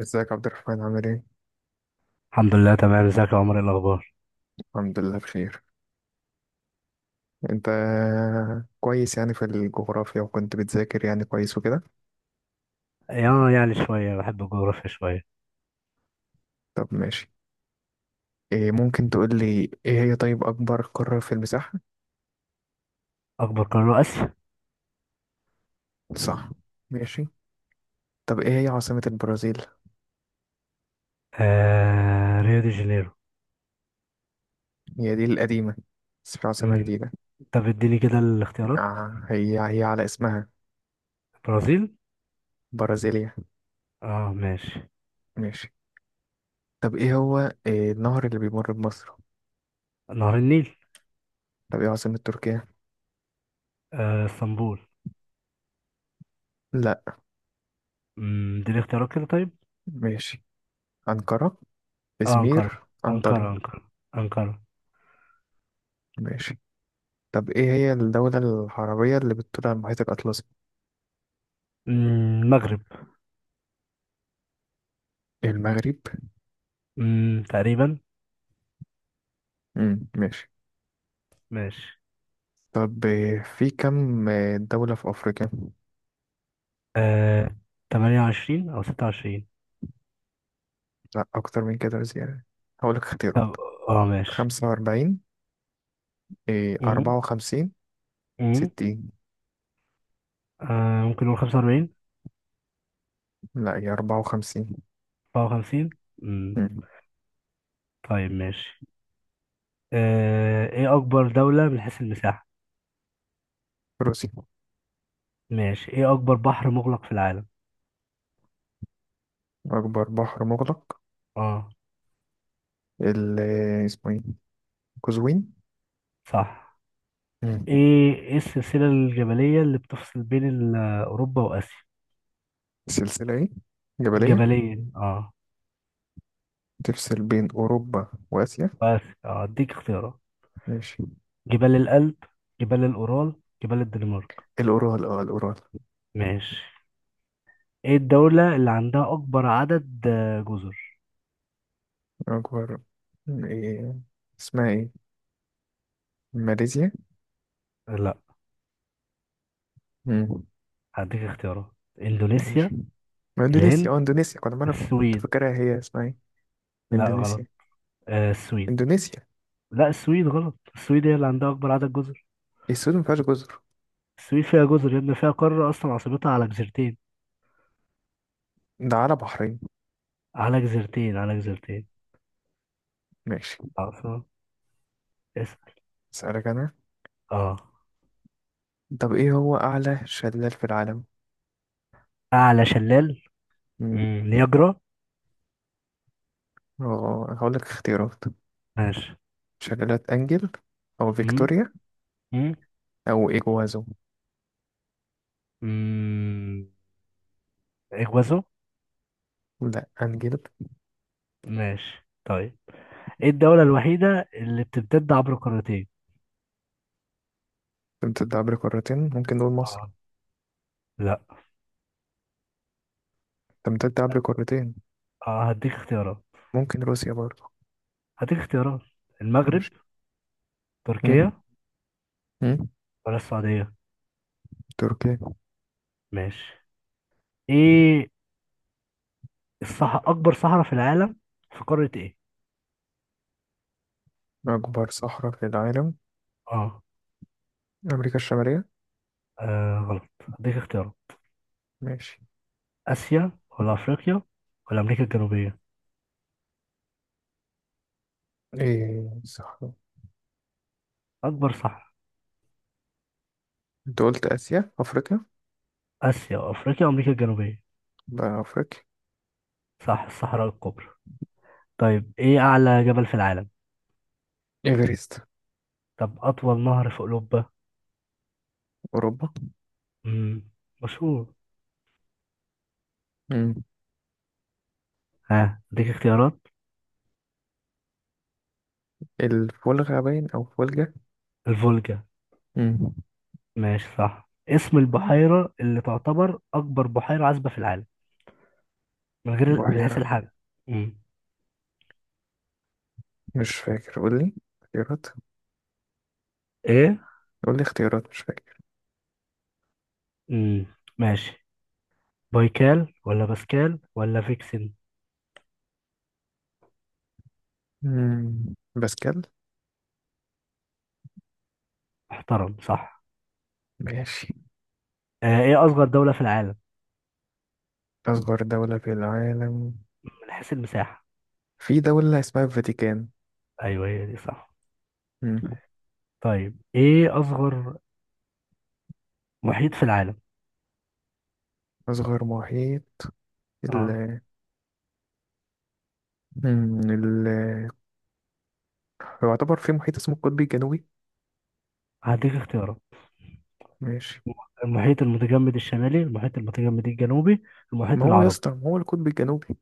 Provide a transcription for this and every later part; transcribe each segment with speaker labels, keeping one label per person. Speaker 1: ازيك عبد الرحمن، عامل ايه؟
Speaker 2: الحمد لله تمام. ازيك يا عمر؟ ايه الاخبار؟
Speaker 1: الحمد لله بخير. انت؟ كويس، يعني في الجغرافيا، وكنت بتذاكر يعني كويس وكده.
Speaker 2: اه يعني شويه بحب الجغرافيا شويه.
Speaker 1: طب ماشي. إيه، ممكن تقول لي ايه هي، طيب، اكبر قارة في المساحة؟
Speaker 2: اكبر قاره اسيا.
Speaker 1: صح. ماشي. طب ايه هي عاصمة البرازيل؟
Speaker 2: ريو دي جانيرو.
Speaker 1: هي دي القديمة، بس في عاصمة
Speaker 2: مم.
Speaker 1: جديدة.
Speaker 2: طب اديني كده الاختيارات.
Speaker 1: آه، هي هي على اسمها.
Speaker 2: برازيل.
Speaker 1: برازيليا.
Speaker 2: اه ماشي.
Speaker 1: ماشي. طب ايه هو إيه النهر اللي بيمر بمصر؟
Speaker 2: نهر النيل.
Speaker 1: طب ايه عاصمة تركيا؟
Speaker 2: اسطنبول.
Speaker 1: لا.
Speaker 2: اديني اختيارات كده طيب.
Speaker 1: ماشي. أنقرة.
Speaker 2: اه انقره.
Speaker 1: إزمير،
Speaker 2: انقره
Speaker 1: أنطاليا.
Speaker 2: انقره. انقره.
Speaker 1: ماشي. طب إيه هي الدولة العربية اللي بتطل على المحيط الأطلسي؟
Speaker 2: المغرب.
Speaker 1: المغرب.
Speaker 2: تقريبا.
Speaker 1: ماشي.
Speaker 2: ماشي.
Speaker 1: طب في كم دولة في أفريقيا؟
Speaker 2: آه 28 او 26.
Speaker 1: لا، أكتر من كده بزيادة. هقولك اختيارات.
Speaker 2: طب اه ماشي.
Speaker 1: 45. إيه،
Speaker 2: مم،
Speaker 1: 54.
Speaker 2: مم،
Speaker 1: 60.
Speaker 2: ممكن نقول 45.
Speaker 1: لا، هي 54.
Speaker 2: 54.
Speaker 1: امم.
Speaker 2: طيب ماشي. ايه اكبر دولة من حيث المساحة؟
Speaker 1: روسيا.
Speaker 2: ماشي. ايه اكبر بحر مغلق في العالم؟
Speaker 1: أكبر بحر مغلق.
Speaker 2: اه
Speaker 1: ال آه، اسمه إيه؟ قزوين.
Speaker 2: صح.
Speaker 1: مم.
Speaker 2: ايه السلسلة الجبلية اللي بتفصل بين اوروبا واسيا.
Speaker 1: سلسلة إيه؟ جبلية.
Speaker 2: الجبلية اه.
Speaker 1: تفصل بين أوروبا وآسيا.
Speaker 2: بس اه اديك اختيارات.
Speaker 1: ماشي.
Speaker 2: جبال الألب. جبال الأورال. جبال الدنمارك.
Speaker 1: الأورال، الأورال.
Speaker 2: ماشي. ايه الدولة اللي عندها اكبر عدد جزر؟
Speaker 1: أكبر، إيه، اسمها إيه؟ ماليزيا؟
Speaker 2: لا.
Speaker 1: مم.
Speaker 2: هديك اختيارات. اندونيسيا.
Speaker 1: ماشي. ما إندونيسيا،
Speaker 2: الهند.
Speaker 1: إندونيسيا، كنت
Speaker 2: السويد.
Speaker 1: فاكرها، هي اسمها إيه؟
Speaker 2: لا غلط.
Speaker 1: إندونيسيا.
Speaker 2: السويد.
Speaker 1: إندونيسيا.
Speaker 2: لا، السويد غلط. السويد هي اللي عندها اكبر عدد جزر.
Speaker 1: السود مفيهاش جزر.
Speaker 2: السويد فيها جزر يا ابني، فيها قارة اصلا، عاصمتها على جزيرتين.
Speaker 1: ده على بحرين.
Speaker 2: على جزيرتين على جزيرتين.
Speaker 1: ماشي.
Speaker 2: عاصمة. اسأل.
Speaker 1: أسألك أنا.
Speaker 2: اه.
Speaker 1: طب إيه هو أعلى شلال في العالم؟
Speaker 2: اعلى شلال.
Speaker 1: مم.
Speaker 2: نياجرا.
Speaker 1: أه، هقولك اختيارات.
Speaker 2: ماشي.
Speaker 1: شلالات أنجل، أو
Speaker 2: امم
Speaker 1: فيكتوريا،
Speaker 2: امم
Speaker 1: أو إيجوازو.
Speaker 2: امم اجوازو.
Speaker 1: لا، أنجل.
Speaker 2: ماشي طيب. ايه الدولة الوحيدة اللي بتمتد عبر قارتين؟
Speaker 1: تمتد عبر قارتين، ممكن نقول مصر.
Speaker 2: اه. لا.
Speaker 1: تمتد عبر قارتين،
Speaker 2: اه هديك اختيارات.
Speaker 1: ممكن روسيا برضه.
Speaker 2: هديك اختيارات. المغرب.
Speaker 1: ماشي. مم.
Speaker 2: تركيا.
Speaker 1: مم.
Speaker 2: ولا السعودية؟
Speaker 1: تركيا.
Speaker 2: ماشي. ايه اكبر صحراء في العالم؟ في قارة ايه؟
Speaker 1: أكبر صحراء في العالم.
Speaker 2: اه.
Speaker 1: أمريكا الشمالية.
Speaker 2: غلط. هديك اختيارات.
Speaker 1: ماشي.
Speaker 2: آسيا ولا أفريقيا ولا أمريكا الجنوبية؟
Speaker 1: إيه، صحراء.
Speaker 2: أكبر صح.
Speaker 1: أنت قلت آسيا، أفريقيا.
Speaker 2: آسيا وأفريقيا وأمريكا الجنوبية.
Speaker 1: بقى أفريقيا.
Speaker 2: صح الصحراء الكبرى. طيب إيه أعلى جبل في العالم؟
Speaker 1: إيفرست.
Speaker 2: طب أطول نهر في أوروبا؟
Speaker 1: أوروبا.
Speaker 2: مم. مشهور.
Speaker 1: مم.
Speaker 2: ها أديك اختيارات.
Speaker 1: الفولغة باين أو فولجة.
Speaker 2: الفولجا.
Speaker 1: مم.
Speaker 2: ماشي صح. اسم البحيرة اللي تعتبر أكبر بحيرة عذبة في العالم، من غير، من حيث
Speaker 1: بحيرة.
Speaker 2: الحجم. مم.
Speaker 1: مش فاكر، قول لي اختيارات.
Speaker 2: إيه.
Speaker 1: قول لي اختيارات، مش فاكر.
Speaker 2: مم. ماشي. بايكال ولا باسكال ولا فيكسن؟
Speaker 1: مم. باسكال.
Speaker 2: محترم صح.
Speaker 1: ماشي.
Speaker 2: ايه اصغر دولة في العالم
Speaker 1: أصغر دولة في العالم.
Speaker 2: من حيث المساحة؟
Speaker 1: في دولة اسمها الفاتيكان.
Speaker 2: ايوه هي دي صح.
Speaker 1: مم.
Speaker 2: طيب ايه اصغر محيط في العالم؟
Speaker 1: أصغر محيط. ال...
Speaker 2: اه.
Speaker 1: مم. هو يعتبر في محيط اسمه القطبي الجنوبي.
Speaker 2: هديك اختيارات.
Speaker 1: ماشي.
Speaker 2: المحيط المتجمد الشمالي. المحيط المتجمد الجنوبي. المحيط
Speaker 1: ما هو يا
Speaker 2: العربي.
Speaker 1: اسطى، ما هو القطب الجنوبي.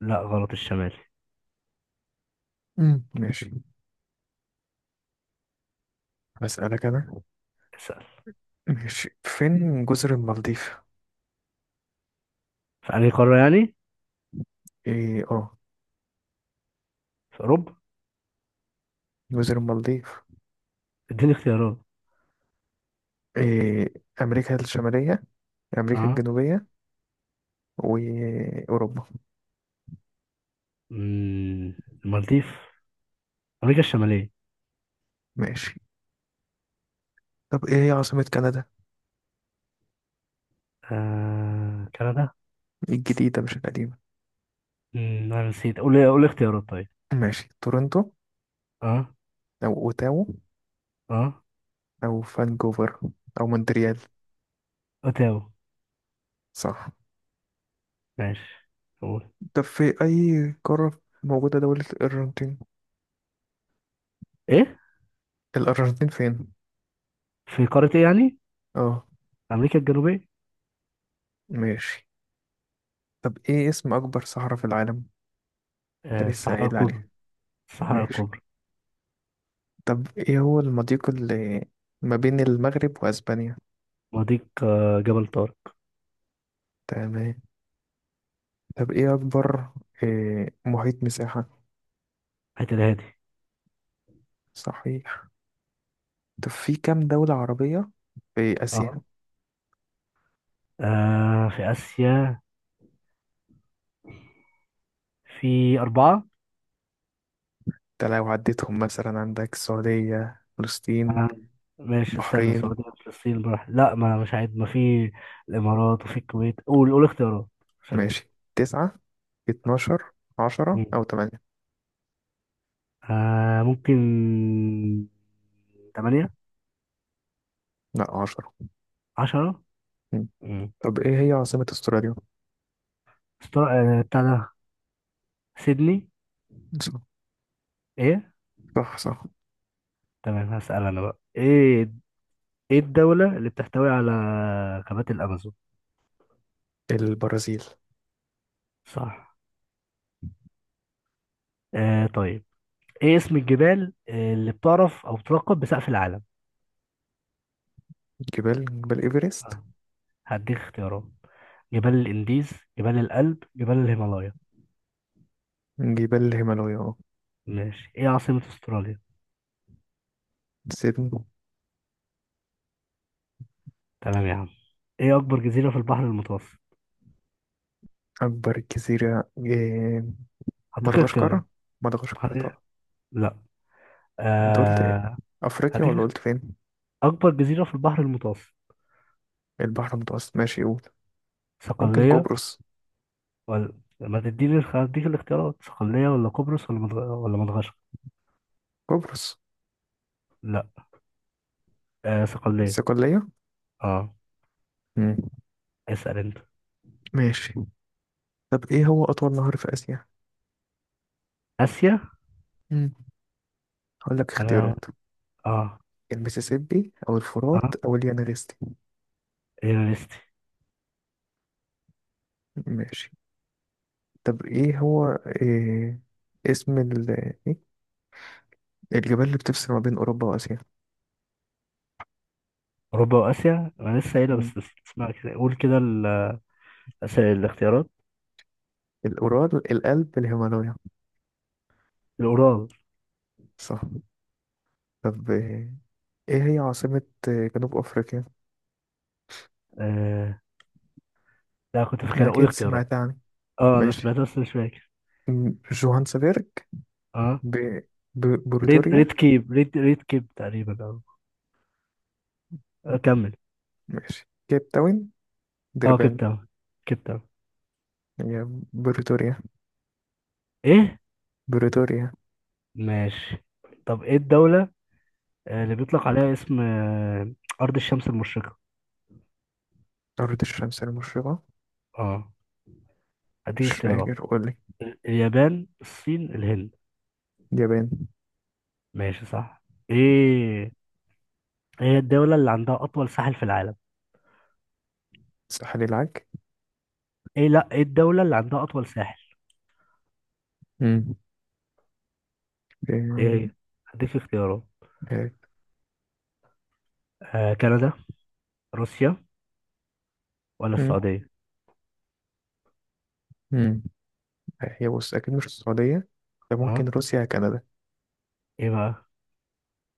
Speaker 2: لا غلط. الشمالي.
Speaker 1: ماشي. أسألك أنا.
Speaker 2: اسأل.
Speaker 1: ماشي، فين جزر المالديف؟
Speaker 2: في انهي قارة يعني؟
Speaker 1: إيه، آه.
Speaker 2: في اوروبا.
Speaker 1: جزر المالديف.
Speaker 2: اديني اختيارات.
Speaker 1: إيه. أمريكا الشمالية، أمريكا
Speaker 2: اه.
Speaker 1: الجنوبية، وأوروبا.
Speaker 2: مم، المالديف. امريكا الشمالية.
Speaker 1: ماشي. طب إيه هي عاصمة كندا؟
Speaker 2: كندا.
Speaker 1: الجديدة مش القديمة.
Speaker 2: انا نسيت. قول قول اختيارات طيب.
Speaker 1: ماشي، تورنتو،
Speaker 2: اه
Speaker 1: أو أوتاوا،
Speaker 2: اه
Speaker 1: أو فانكوفر، أو مونتريال.
Speaker 2: اوتاوا.
Speaker 1: صح.
Speaker 2: ماشي قول.
Speaker 1: طب في أي قارة موجودة دولة الأرجنتين؟
Speaker 2: ايه.
Speaker 1: الأرجنتين فين؟
Speaker 2: في قارة ايه يعني؟
Speaker 1: آه.
Speaker 2: أمريكا الجنوبية.
Speaker 1: ماشي. طب إيه اسم أكبر صحراء في العالم؟ انت لسه
Speaker 2: الصحراء
Speaker 1: قايل
Speaker 2: الكبرى.
Speaker 1: عليه.
Speaker 2: الصحراء
Speaker 1: ماشي.
Speaker 2: الكبرى.
Speaker 1: طب ايه هو المضيق اللي ما بين المغرب واسبانيا.
Speaker 2: مضيق جبل طارق.
Speaker 1: تمام. طب ايه اكبر، إيه محيط مساحة؟
Speaker 2: حتى الهادي.
Speaker 1: صحيح. طب في كام دولة عربية في اسيا؟
Speaker 2: اه. في آسيا. في أربعة.
Speaker 1: انت لو عديتهم مثلا عندك السعودية، فلسطين،
Speaker 2: آه، ماشي استنى.
Speaker 1: بحرين.
Speaker 2: السعودية، فلسطين براح. لا، ما مش عايز، ما في. الإمارات وفي الكويت. قول قول اختيارات عشان.
Speaker 1: ماشي. 9. 12. 10
Speaker 2: مم.
Speaker 1: او 8.
Speaker 2: ممكن تمانية.
Speaker 1: لا، 10.
Speaker 2: عشرة.
Speaker 1: مم.
Speaker 2: مم.
Speaker 1: طب ايه هي عاصمة استراليا؟
Speaker 2: استر... بتاع ده، سيدني.
Speaker 1: صح.
Speaker 2: ايه.
Speaker 1: صح. صح.
Speaker 2: تمام. هسأل أنا بقى. ايه ايه الدولة اللي بتحتوي على غابات الأمازون؟
Speaker 1: البرازيل.
Speaker 2: صح. طيب. ايه اسم الجبال اللي بتعرف او بتلقب بسقف العالم؟
Speaker 1: جبال ايفرست.
Speaker 2: آه. هديك اختيارات. جبال الانديز. جبال الألب. جبال الهيمالايا.
Speaker 1: جبال الهيمالايا، اه.
Speaker 2: ماشي. ايه عاصمة استراليا؟
Speaker 1: سيدني.
Speaker 2: تمام يا عم. ايه اكبر جزيرة في البحر المتوسط؟
Speaker 1: أكبر جزيرة، إيه؟
Speaker 2: هديك
Speaker 1: مدغشقر.
Speaker 2: اختيارات.
Speaker 1: مدغشقر
Speaker 2: هديك...
Speaker 1: طبعا.
Speaker 2: لا.
Speaker 1: أنت قلت إيه؟
Speaker 2: آه...
Speaker 1: أفريقيا، ولا
Speaker 2: هديك
Speaker 1: قلت فين؟
Speaker 2: اكبر جزيرة في البحر المتوسط.
Speaker 1: البحر المتوسط، ماشي، قول. ممكن
Speaker 2: صقلية
Speaker 1: قبرص.
Speaker 2: ولا. ما تديني هديك الاختيارات؟ صقلية ولا قبرص ولا ولا مدغشقر؟
Speaker 1: قبرص.
Speaker 2: لا. صقلية.
Speaker 1: الصقلية.
Speaker 2: اه.
Speaker 1: مم.
Speaker 2: اسأل انت.
Speaker 1: ماشي. طب إيه هو أطول نهر في آسيا؟
Speaker 2: اسيا.
Speaker 1: مم. هقول لك
Speaker 2: انا
Speaker 1: اختيارات.
Speaker 2: اه
Speaker 1: المسيسيبي، أو
Speaker 2: اه
Speaker 1: الفرات، أو اليانغستي.
Speaker 2: هي ليستي.
Speaker 1: ماشي. طب إيه هو، إيه اسم إيه؟ الجبال اللي بتفصل ما بين أوروبا وآسيا؟
Speaker 2: اوروبا واسيا. انا لسه قايلها
Speaker 1: مم.
Speaker 2: بس. بس اسمع كده. قول كده الاختيارات.
Speaker 1: الأورال، القلب، الهيمالايا.
Speaker 2: الاورال.
Speaker 1: صح. طب، ايه هي عاصمة جنوب افريقيا؟
Speaker 2: آه. لا كنت فاكرها. قول
Speaker 1: اكيد
Speaker 2: اختيارات.
Speaker 1: سمعت عنها.
Speaker 2: اه انا
Speaker 1: ماشي.
Speaker 2: سمعتها بس مش فاكر.
Speaker 1: جوهانسبرج.
Speaker 2: اه
Speaker 1: ب...
Speaker 2: ريد ريد
Speaker 1: بريتوريا.
Speaker 2: كيب. ريد ريد كيب تقريبا اه. كمل.
Speaker 1: ماشي، كيب تاون،
Speaker 2: اه كيب
Speaker 1: دربان.
Speaker 2: تاون. كيب تاون.
Speaker 1: هي بريتوريا.
Speaker 2: ايه.
Speaker 1: بريتوريا.
Speaker 2: ماشي. طب ايه الدولة اللي بيطلق عليها اسم ارض الشمس المشرقة؟
Speaker 1: أرض الشمس المشرقة.
Speaker 2: اه. هديك
Speaker 1: مش
Speaker 2: اختيارات.
Speaker 1: فاكر، قولي.
Speaker 2: اليابان. الصين. الهند.
Speaker 1: اليابان.
Speaker 2: ماشي صح. ايه ايه هي الدولة اللي عندها أطول ساحل في العالم؟
Speaker 1: ساحل العاج.
Speaker 2: ايه لا. ايه الدولة اللي عندها أطول ساحل؟
Speaker 1: مم. إيه.
Speaker 2: ايه هي؟ هديك اختيارات.
Speaker 1: إيه.
Speaker 2: كندا. روسيا. ولا
Speaker 1: مم.
Speaker 2: السعودية؟
Speaker 1: مم. هي، بص، أكيد مش السعودية. ده ممكن
Speaker 2: اه.
Speaker 1: روسيا يا كندا.
Speaker 2: ايه بقى؟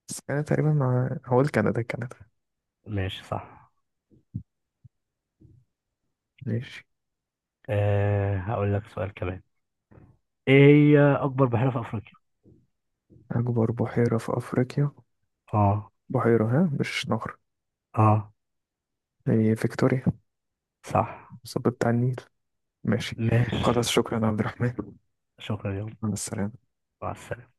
Speaker 1: بس أنا تقريبا، مع هقول كندا، كندا.
Speaker 2: ماشي صح.
Speaker 1: ماشي.
Speaker 2: هقول لك سؤال كمان. ايه هي أكبر بحيرة في أفريقيا؟
Speaker 1: أكبر بحيرة في أفريقيا.
Speaker 2: اه.
Speaker 1: بحيرة، ها، مش نهر.
Speaker 2: اه
Speaker 1: هي فيكتوريا.
Speaker 2: صح.
Speaker 1: الصوت بتاع النيل. ماشي.
Speaker 2: ماشي.
Speaker 1: خلاص، شكرا يا عبد الرحمن.
Speaker 2: شكرا يا.
Speaker 1: مع السلامة.
Speaker 2: مع السلامة.